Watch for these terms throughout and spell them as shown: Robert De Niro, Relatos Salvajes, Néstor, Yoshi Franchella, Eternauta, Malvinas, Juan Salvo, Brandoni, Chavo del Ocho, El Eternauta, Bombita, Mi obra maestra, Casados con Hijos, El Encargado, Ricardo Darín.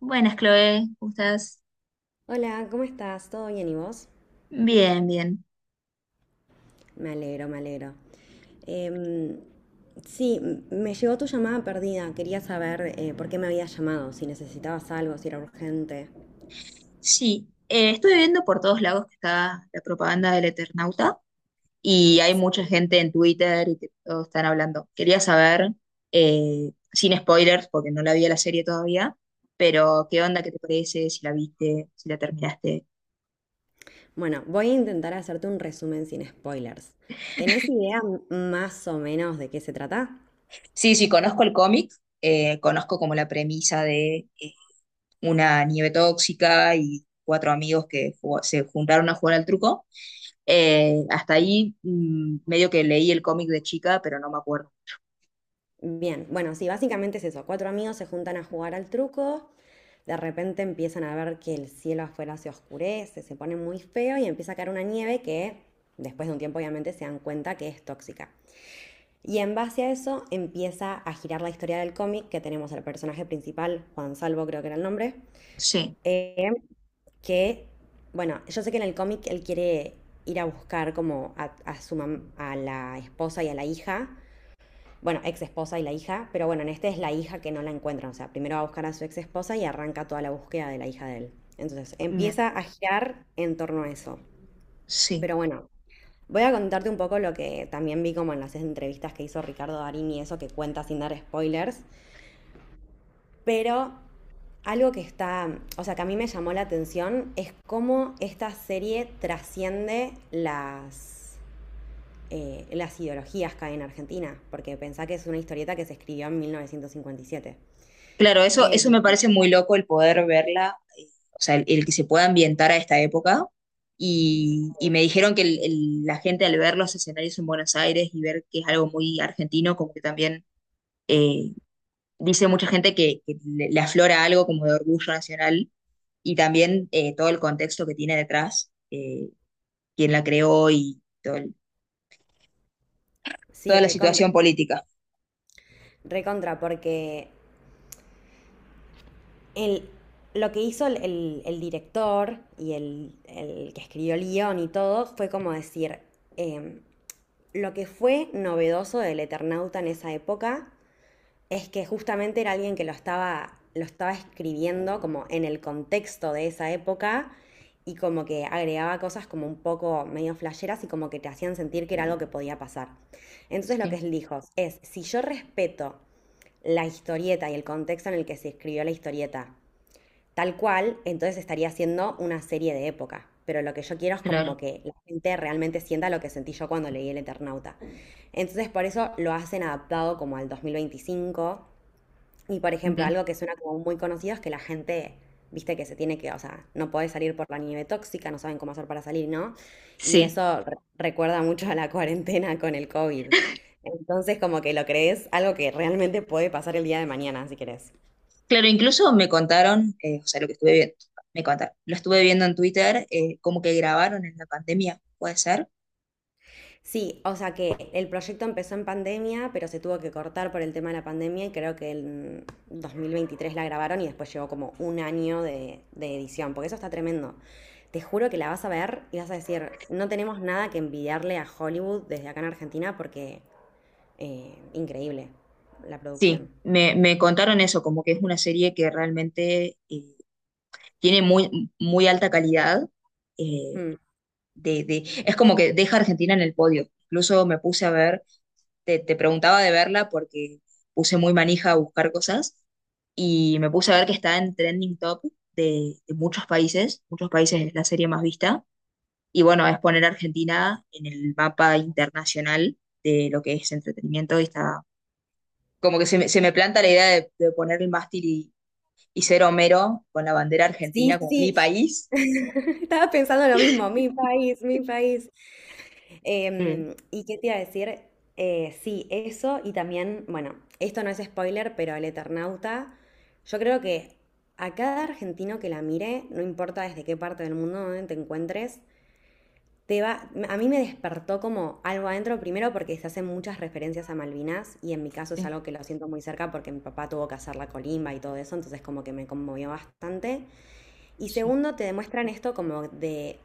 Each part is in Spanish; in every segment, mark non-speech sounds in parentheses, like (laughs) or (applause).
Buenas, Chloe, ¿cómo estás? Hola, ¿cómo estás? ¿Todo bien y vos? Bien, bien. Me alegro, me alegro. Em, sí, me llegó tu llamada perdida. Quería saber por qué me habías llamado, si necesitabas algo, si era urgente. Sí, estuve viendo por todos lados que está la propaganda del Eternauta y hay mucha gente en Twitter y que todos están hablando. Quería saber, sin spoilers, porque no la vi a la serie todavía, pero ¿qué onda? ¿Qué te parece? Si la viste, si la terminaste. Bueno, voy a intentar hacerte un resumen sin spoilers. ¿Tenés idea más o menos de qué se trata? Sí, sí, conozco el cómic, conozco como la premisa de una nieve tóxica y cuatro amigos que se juntaron a jugar al truco. Hasta ahí medio que leí el cómic de chica, pero no me acuerdo. Bien, bueno, sí, básicamente es eso. Cuatro amigos se juntan a jugar al truco. De repente empiezan a ver que el cielo afuera se oscurece, se pone muy feo y empieza a caer una nieve que después de un tiempo obviamente se dan cuenta que es tóxica. Y en base a eso empieza a girar la historia del cómic que tenemos al personaje principal, Juan Salvo creo que era el nombre, Sí, eh, que, bueno, yo sé que en el cómic él quiere ir a buscar como a su a la esposa y a la hija, bueno, ex esposa y la hija, pero bueno, en este es la hija que no la encuentran, o sea, primero va a buscar a su ex esposa y arranca toda la búsqueda de la hija de él. Entonces, bien, empieza a girar en torno a eso. sí. Pero bueno, voy a contarte un poco lo que también vi como en las entrevistas que hizo Ricardo Darín y eso que cuenta sin dar spoilers, pero algo que está, o sea, que a mí me llamó la atención es cómo esta serie trasciende las ideologías que hay en Argentina, porque pensá que es una historieta que se escribió en 1957. Claro, eso, Eh, eso me parece muy loco el poder verla, o sea, el que se pueda ambientar a esta época. Y me dijeron que la gente al ver los escenarios en Buenos Aires y ver que es algo muy argentino, como que también eh, dice mucha gente que le aflora algo como de orgullo nacional y también, todo el contexto que tiene detrás, quién la creó y sí, toda la recontra, situación política. recontra, porque el, lo que hizo el director y el que escribió el guión y todo fue como decir, em, lo que fue novedoso del Eternauta en esa época es que justamente era alguien que lo estaba escribiendo como en el contexto de esa época y como que agregaba cosas como un poco medio flasheras y como que te hacían sentir que era algo que podía pasar. Entonces lo que Sí, él dijo es, si yo respeto la historieta y el contexto en el que se escribió la historieta. Tal cual, entonces estaría haciendo una serie de época. Pero lo que yo quiero es claro, como que la gente realmente sienta lo que sentí yo cuando leí El Eternauta. Entonces por eso lo hacen adaptado como al 2025 y por ejemplo, bien. algo que suena como muy conocido es que la gente, viste que se tiene que, o sea, no podés salir por la nieve tóxica, no saben cómo hacer para salir, ¿no? Y Sí, eso recuerda mucho a la cuarentena con el COVID. Entonces, como que lo crees algo que realmente puede pasar el día de mañana, si querés. claro, incluso me contaron, o sea, lo que estuve viendo, me contaron, lo estuve viendo en Twitter, como que grabaron en la pandemia, ¿puede ser? Sí, o sea que el proyecto empezó en pandemia, pero se tuvo que cortar por el tema de la pandemia y creo que en 2023 la grabaron y después llevó como un año de edición, porque eso está tremendo. Te juro que la vas a ver y vas a decir, no tenemos nada que envidiarle a Hollywood desde acá en Argentina porque increíble la producción. Sí, me contaron eso, como que es una serie que realmente tiene muy, muy alta calidad, eh, Mm. Es como que deja a Argentina en el podio. Incluso me puse a ver te preguntaba de verla porque puse muy manija a buscar cosas y me puse a ver que está en trending top de muchos países es la serie más vista, y bueno, es poner a Argentina en el mapa internacional de lo que es entretenimiento y está como que se me planta la idea de poner el mástil y ser Homero con la bandera argentina Sí, como mi sí, país. (laughs) estaba pensando lo mismo, mi país, mi país. Eh, ¿Y qué te iba a decir? Sí, eso y también, bueno, esto no es spoiler, pero El Eternauta, yo creo que a cada argentino que la mire, no importa desde qué parte del mundo donde te encuentres, a mí me despertó como algo adentro, primero porque se hacen muchas referencias a Malvinas y en mi caso es Sí, algo que lo siento muy cerca porque mi papá tuvo que hacer la colimba y todo eso, entonces como que me conmovió bastante. Y sí, segundo, te demuestran esto como de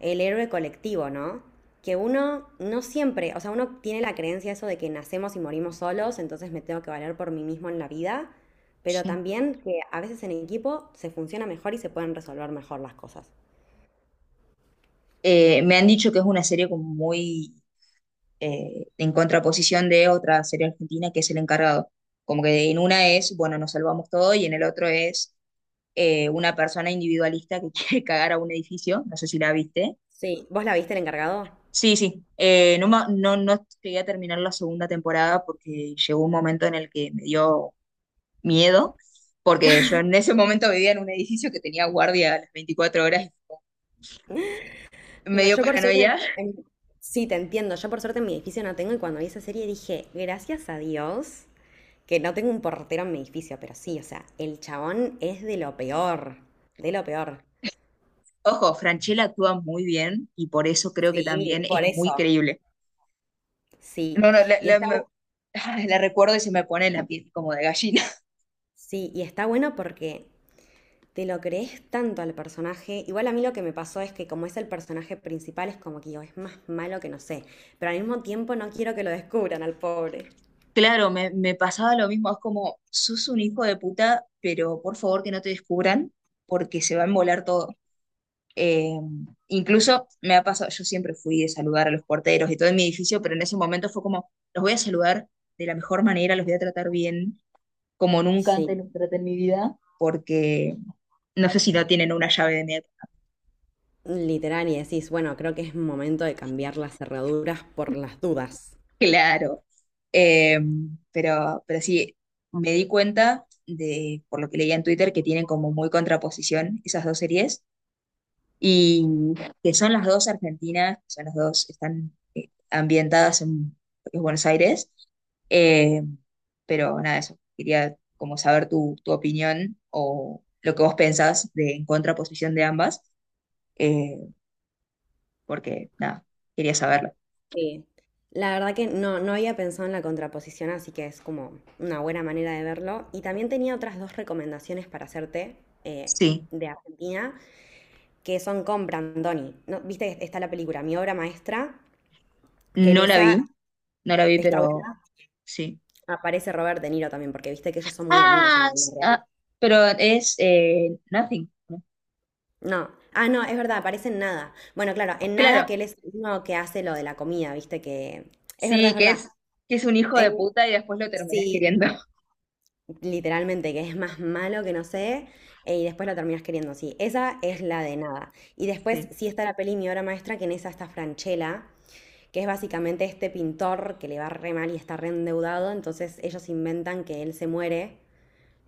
el héroe colectivo, ¿no? Que uno no siempre, o sea, uno tiene la creencia eso de que nacemos y morimos solos, entonces me tengo que valer por mí mismo en la vida, pero sí. también que a veces en equipo se funciona mejor y se pueden resolver mejor las cosas. Me han dicho que es una serie como muy en contraposición de otra serie argentina que es El Encargado. Como que en una es, bueno, nos salvamos todo y en el otro es una persona individualista que (laughs) quiere cagar a un edificio, no sé si la viste. Sí, ¿vos la viste el encargado? Sí, sí, no, no, no llegué a terminar la segunda temporada porque llegó un momento en el que me dio miedo, porque yo en ese momento vivía en un edificio que tenía guardia a las 24 horas, me No, dio yo por suerte, paranoia. en- sí, te entiendo, yo por suerte en mi edificio no tengo y cuando vi esa serie dije, gracias a Dios que no tengo un portero en mi edificio, pero sí, o sea, el chabón es de lo peor, de lo peor. Ojo, Franchella actúa muy bien y por eso creo que Sí, también es por muy eso. creíble. Sí, No, no, y está, ay, la recuerdo y se me pone la piel como de gallina. (laughs) sí, y está bueno porque te lo crees tanto al personaje. Igual a mí lo que me pasó es que como es el personaje principal, es como que digo, es más malo que no sé. Pero al mismo tiempo no quiero que lo descubran al pobre. Claro, me pasaba lo mismo, es como, sos un hijo de puta, pero por favor que no te descubran, porque se va a embolar todo. Eh, Incluso me ha pasado, yo siempre fui de saludar a los porteros y todo en mi edificio, pero en ese momento fue como, los voy a saludar de la mejor manera, los voy a tratar bien, como nunca antes Sí, los traté en mi vida, porque no sé si no tienen una llave de mi. literal, y decís, bueno, creo que es momento de cambiar las cerraduras por las dudas. Claro. Eh, pero sí, me di cuenta de, por lo que leía en Twitter, que tienen como muy contraposición esas dos series y que son las dos argentinas, son las dos, están, ambientadas en lo que es Buenos Aires. Eh, pero nada, eso, quería como saber tu opinión o lo que vos pensás de en contraposición de ambas, eh, porque nada, quería saberlo. Sí. La verdad que no, no había pensado en la contraposición, así que es como una buena manera de verlo. Y también tenía otras dos recomendaciones para hacerte eh, Sí, de Argentina, que son con Brandoni. ¿No? Viste que está la película Mi obra maestra, que en no la esa vi, no la vi, está pero buena, sí. aparece Robert De Niro también, porque viste que ellos son muy amigos en Ah, la vida real. ah, pero es Nothing. No, ah, no, es verdad, aparece en nada. Bueno, claro, en nada que Claro, él es uno que hace lo de la comida, viste que. Es verdad, sí, es verdad. Que es un hijo de En... puta y después lo terminas Sí, queriendo. (laughs) literalmente, que es más malo que no sé, y después la terminas queriendo, sí. Esa es la de nada. Y después Sí. sí está la peli Mi obra maestra, que en esa está Franchella, que es básicamente este pintor que le va re mal y está re endeudado, entonces ellos inventan que él se muere,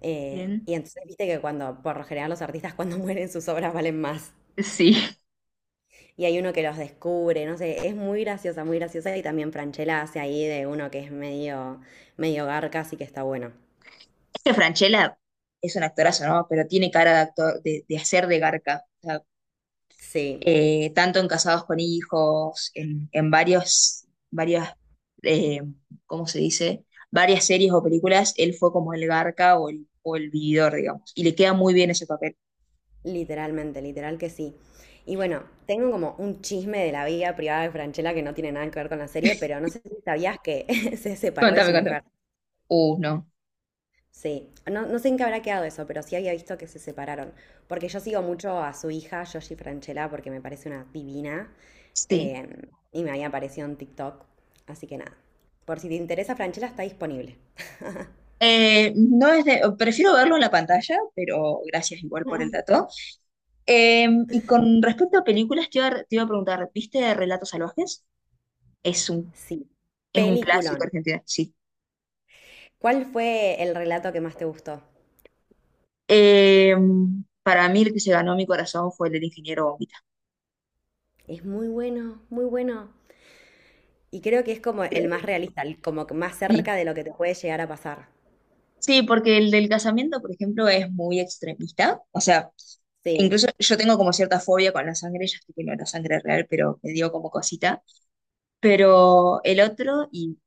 Bien. y entonces viste que cuando, por lo general los artistas cuando (laughs) mueren sus obras valen más, Sí. y hay uno que los descubre, no sé, es muy graciosa, y también Franchella hace ahí de uno que es medio, medio garca, así que está bueno. Este Franchella es un actorazo, ¿no? Pero tiene cara de actor, de hacer de garca. O sea, Sí, tanto en Casados con Hijos, en varios, varias, eh, ¿cómo se dice? Varias series o películas, él fue como el garca o el vividor, digamos. Y le queda muy bien ese papel. literalmente, literal que sí. Y bueno, tengo como un chisme de la vida privada de Franchella que no tiene nada que ver con la serie, pero no sé si sabías que (laughs) se separó de Contame, su contame. mujer. No. Sí, no, no sé en qué habrá quedado eso, pero sí había visto que se separaron. Porque yo sigo mucho a su hija, Yoshi Franchella, porque me parece una divina. Sí. eh, y me había aparecido en TikTok. Así que nada. Por si te interesa, Franchella está disponible. (laughs) No es de- prefiero verlo en la pantalla, pero gracias igual por el Mm. dato. Y con respecto a películas, te iba a preguntar, ¿viste Relatos Salvajes? Es un, Sí. es un clásico Peliculón. argentino, sí. ¿Cuál fue el relato que más te gustó? Eh, para mí el que se ganó mi corazón fue el del ingeniero Bombita. Es muy bueno, muy bueno. Y creo que es como el más realista, el como que más Sí. cerca de lo que te puede llegar a pasar. Sí, porque el del casamiento, por ejemplo, es muy extremista. O sea, Sí, incluso yo tengo como cierta fobia con la sangre, ya sé que no era sangre real, pero me dio como cosita. Pero el otro, y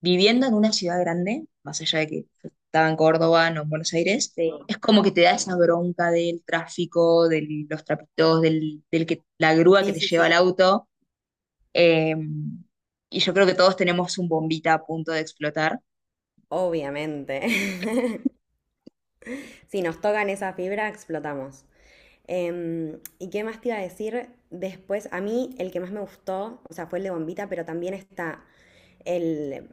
viviendo en una ciudad grande, más allá de que yo estaba en Córdoba, no en Buenos Aires, sí, es como que te da esa bronca del tráfico, de los trapitos, la grúa que sí, te sí, lleva al sí. auto. eh, y yo creo que todos tenemos un bombita a punto de explotar. Obviamente. (laughs) Si nos tocan esa fibra, explotamos. ¿Y qué más te iba a decir? Después, a mí el que más me gustó, o sea, fue el de Bombita, pero también está el,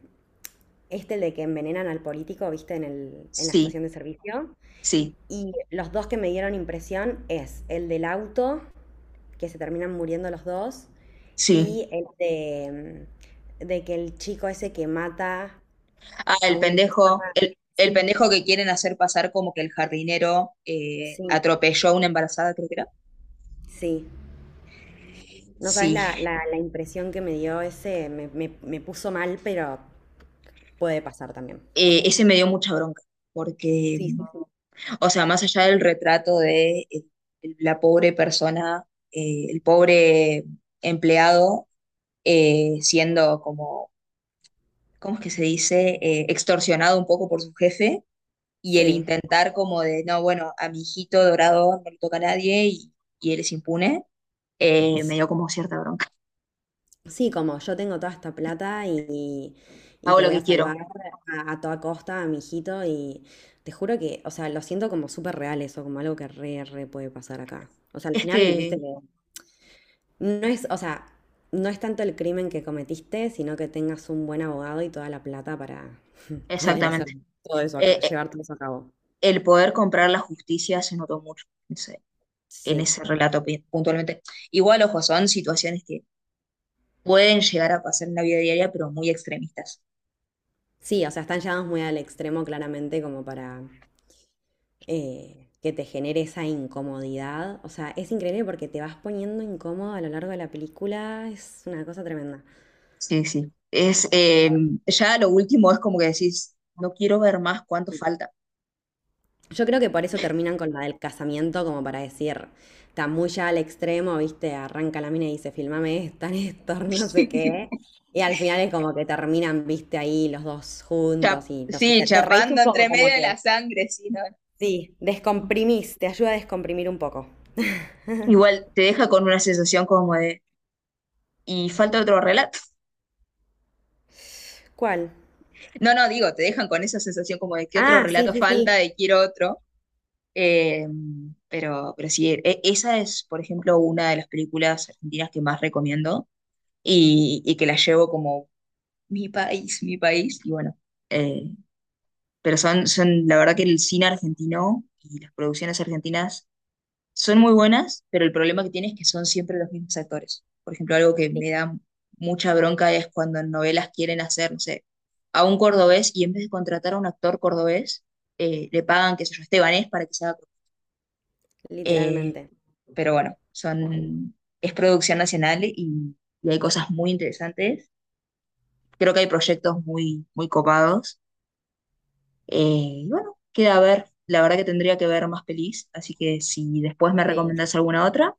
el de que envenenan al político, viste, en la Sí, estación de servicio. sí, Y los dos que me dieron impresión es el del auto, que se terminan muriendo los dos, sí. y el de que el chico ese que mata Ah, a el una persona. pendejo, el Sí, pendejo que quieren hacer pasar como que el jardinero sí, atropelló a una embarazada, creo que era. sí. No Sí. sabes la, la, la impresión que me dio ese, me puso mal, pero puede pasar también. Ese me dio mucha bronca, porque Sí, sí, sí. o sea, más allá del retrato de, la pobre persona, el pobre empleado siendo como, ¿cómo es que se dice? Extorsionado un poco por su jefe y el Sí, intentar como de, no, bueno, a mi hijito dorado no le toca a nadie y, y él es impune, s- me dio como cierta bronca. sí, como yo tengo toda esta plata y Hago te lo voy a que salvar quiero. a toda costa, a mi hijito, y te juro que, o sea, lo siento como súper real eso, como algo que re puede pasar acá. O sea, al Es final, viste que, que no es, o sea, no es tanto el crimen que cometiste, sino que tengas un buen abogado y toda la plata para poder hacer exactamente. todo eso, Eh, eh, llevar todo eso a cabo. el poder comprar la justicia se notó mucho en Sí. ese relato puntualmente. Igual, ojo, son situaciones que pueden llegar a pasar en la vida diaria, pero muy extremistas. Sí, o sea, están llevados muy al extremo claramente como para que te genere esa incomodidad. O sea, es increíble porque te vas poniendo incómodo a lo largo de la película. Es una cosa tremenda. Sí, sí. Es, ya lo último es como que decís, no quiero ver más, cuánto falta. Yo creo que por eso terminan con la del casamiento, como para decir, está muy ya al extremo, viste, arranca la mina y dice, filmame esta, Néstor, (laughs) no sé qué. (laughs) Y al final es como que terminan, viste, ahí los dos juntos y no sé, sí, te reís chapando un poco entre como medio de la que, sangre, sí, ¿no? sí, descomprimís, te ayuda a descomprimir un poco. Igual te deja con una sensación como de, ¿y falta otro relato? ¿Cuál? No, no, digo, te dejan con esa sensación como de que otro Ah, sí, relato sí, falta, sí. de quiero otro. Eh, pero sí, esa es, por ejemplo, una de las películas argentinas que más recomiendo y que la llevo como mi país, y bueno, eh, pero son, son, la verdad que el cine argentino y las producciones argentinas son muy buenas, pero el problema que tiene es que son siempre los mismos actores. Por ejemplo, algo que Sí, me da mucha bronca es cuando en novelas quieren hacer, no sé, a un cordobés y en vez de contratar a un actor cordobés, le pagan, qué sé yo, estebanés para que se haga cordobés. eh, literalmente. pero bueno, son, es producción nacional y hay cosas muy interesantes. Creo que hay proyectos muy, muy copados. Y bueno, queda a ver. La verdad que tendría que ver más pelis, así que si después me Sí. recomendás alguna otra,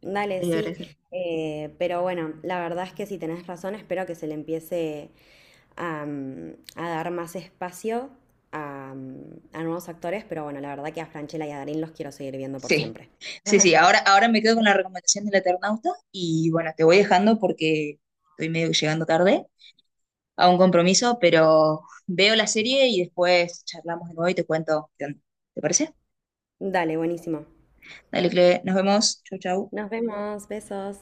Dale, te voy a sí. agradecer. Pero bueno, la verdad es que si tenés razón, espero que se le empiece a dar más espacio a nuevos actores, pero bueno, la verdad que a Franchella y a Darín los quiero seguir viendo por Sí, siempre. sí, sí. (laughs) Ahora, ahora me quedo con la recomendación del Eternauta y bueno, te voy dejando porque estoy medio que llegando tarde a un compromiso, pero veo la serie y después charlamos de nuevo y te cuento qué onda. ¿Te parece? Dale, buenísimo. Dale, Cle, nos vemos. Chau, chau. Nos vemos, besos.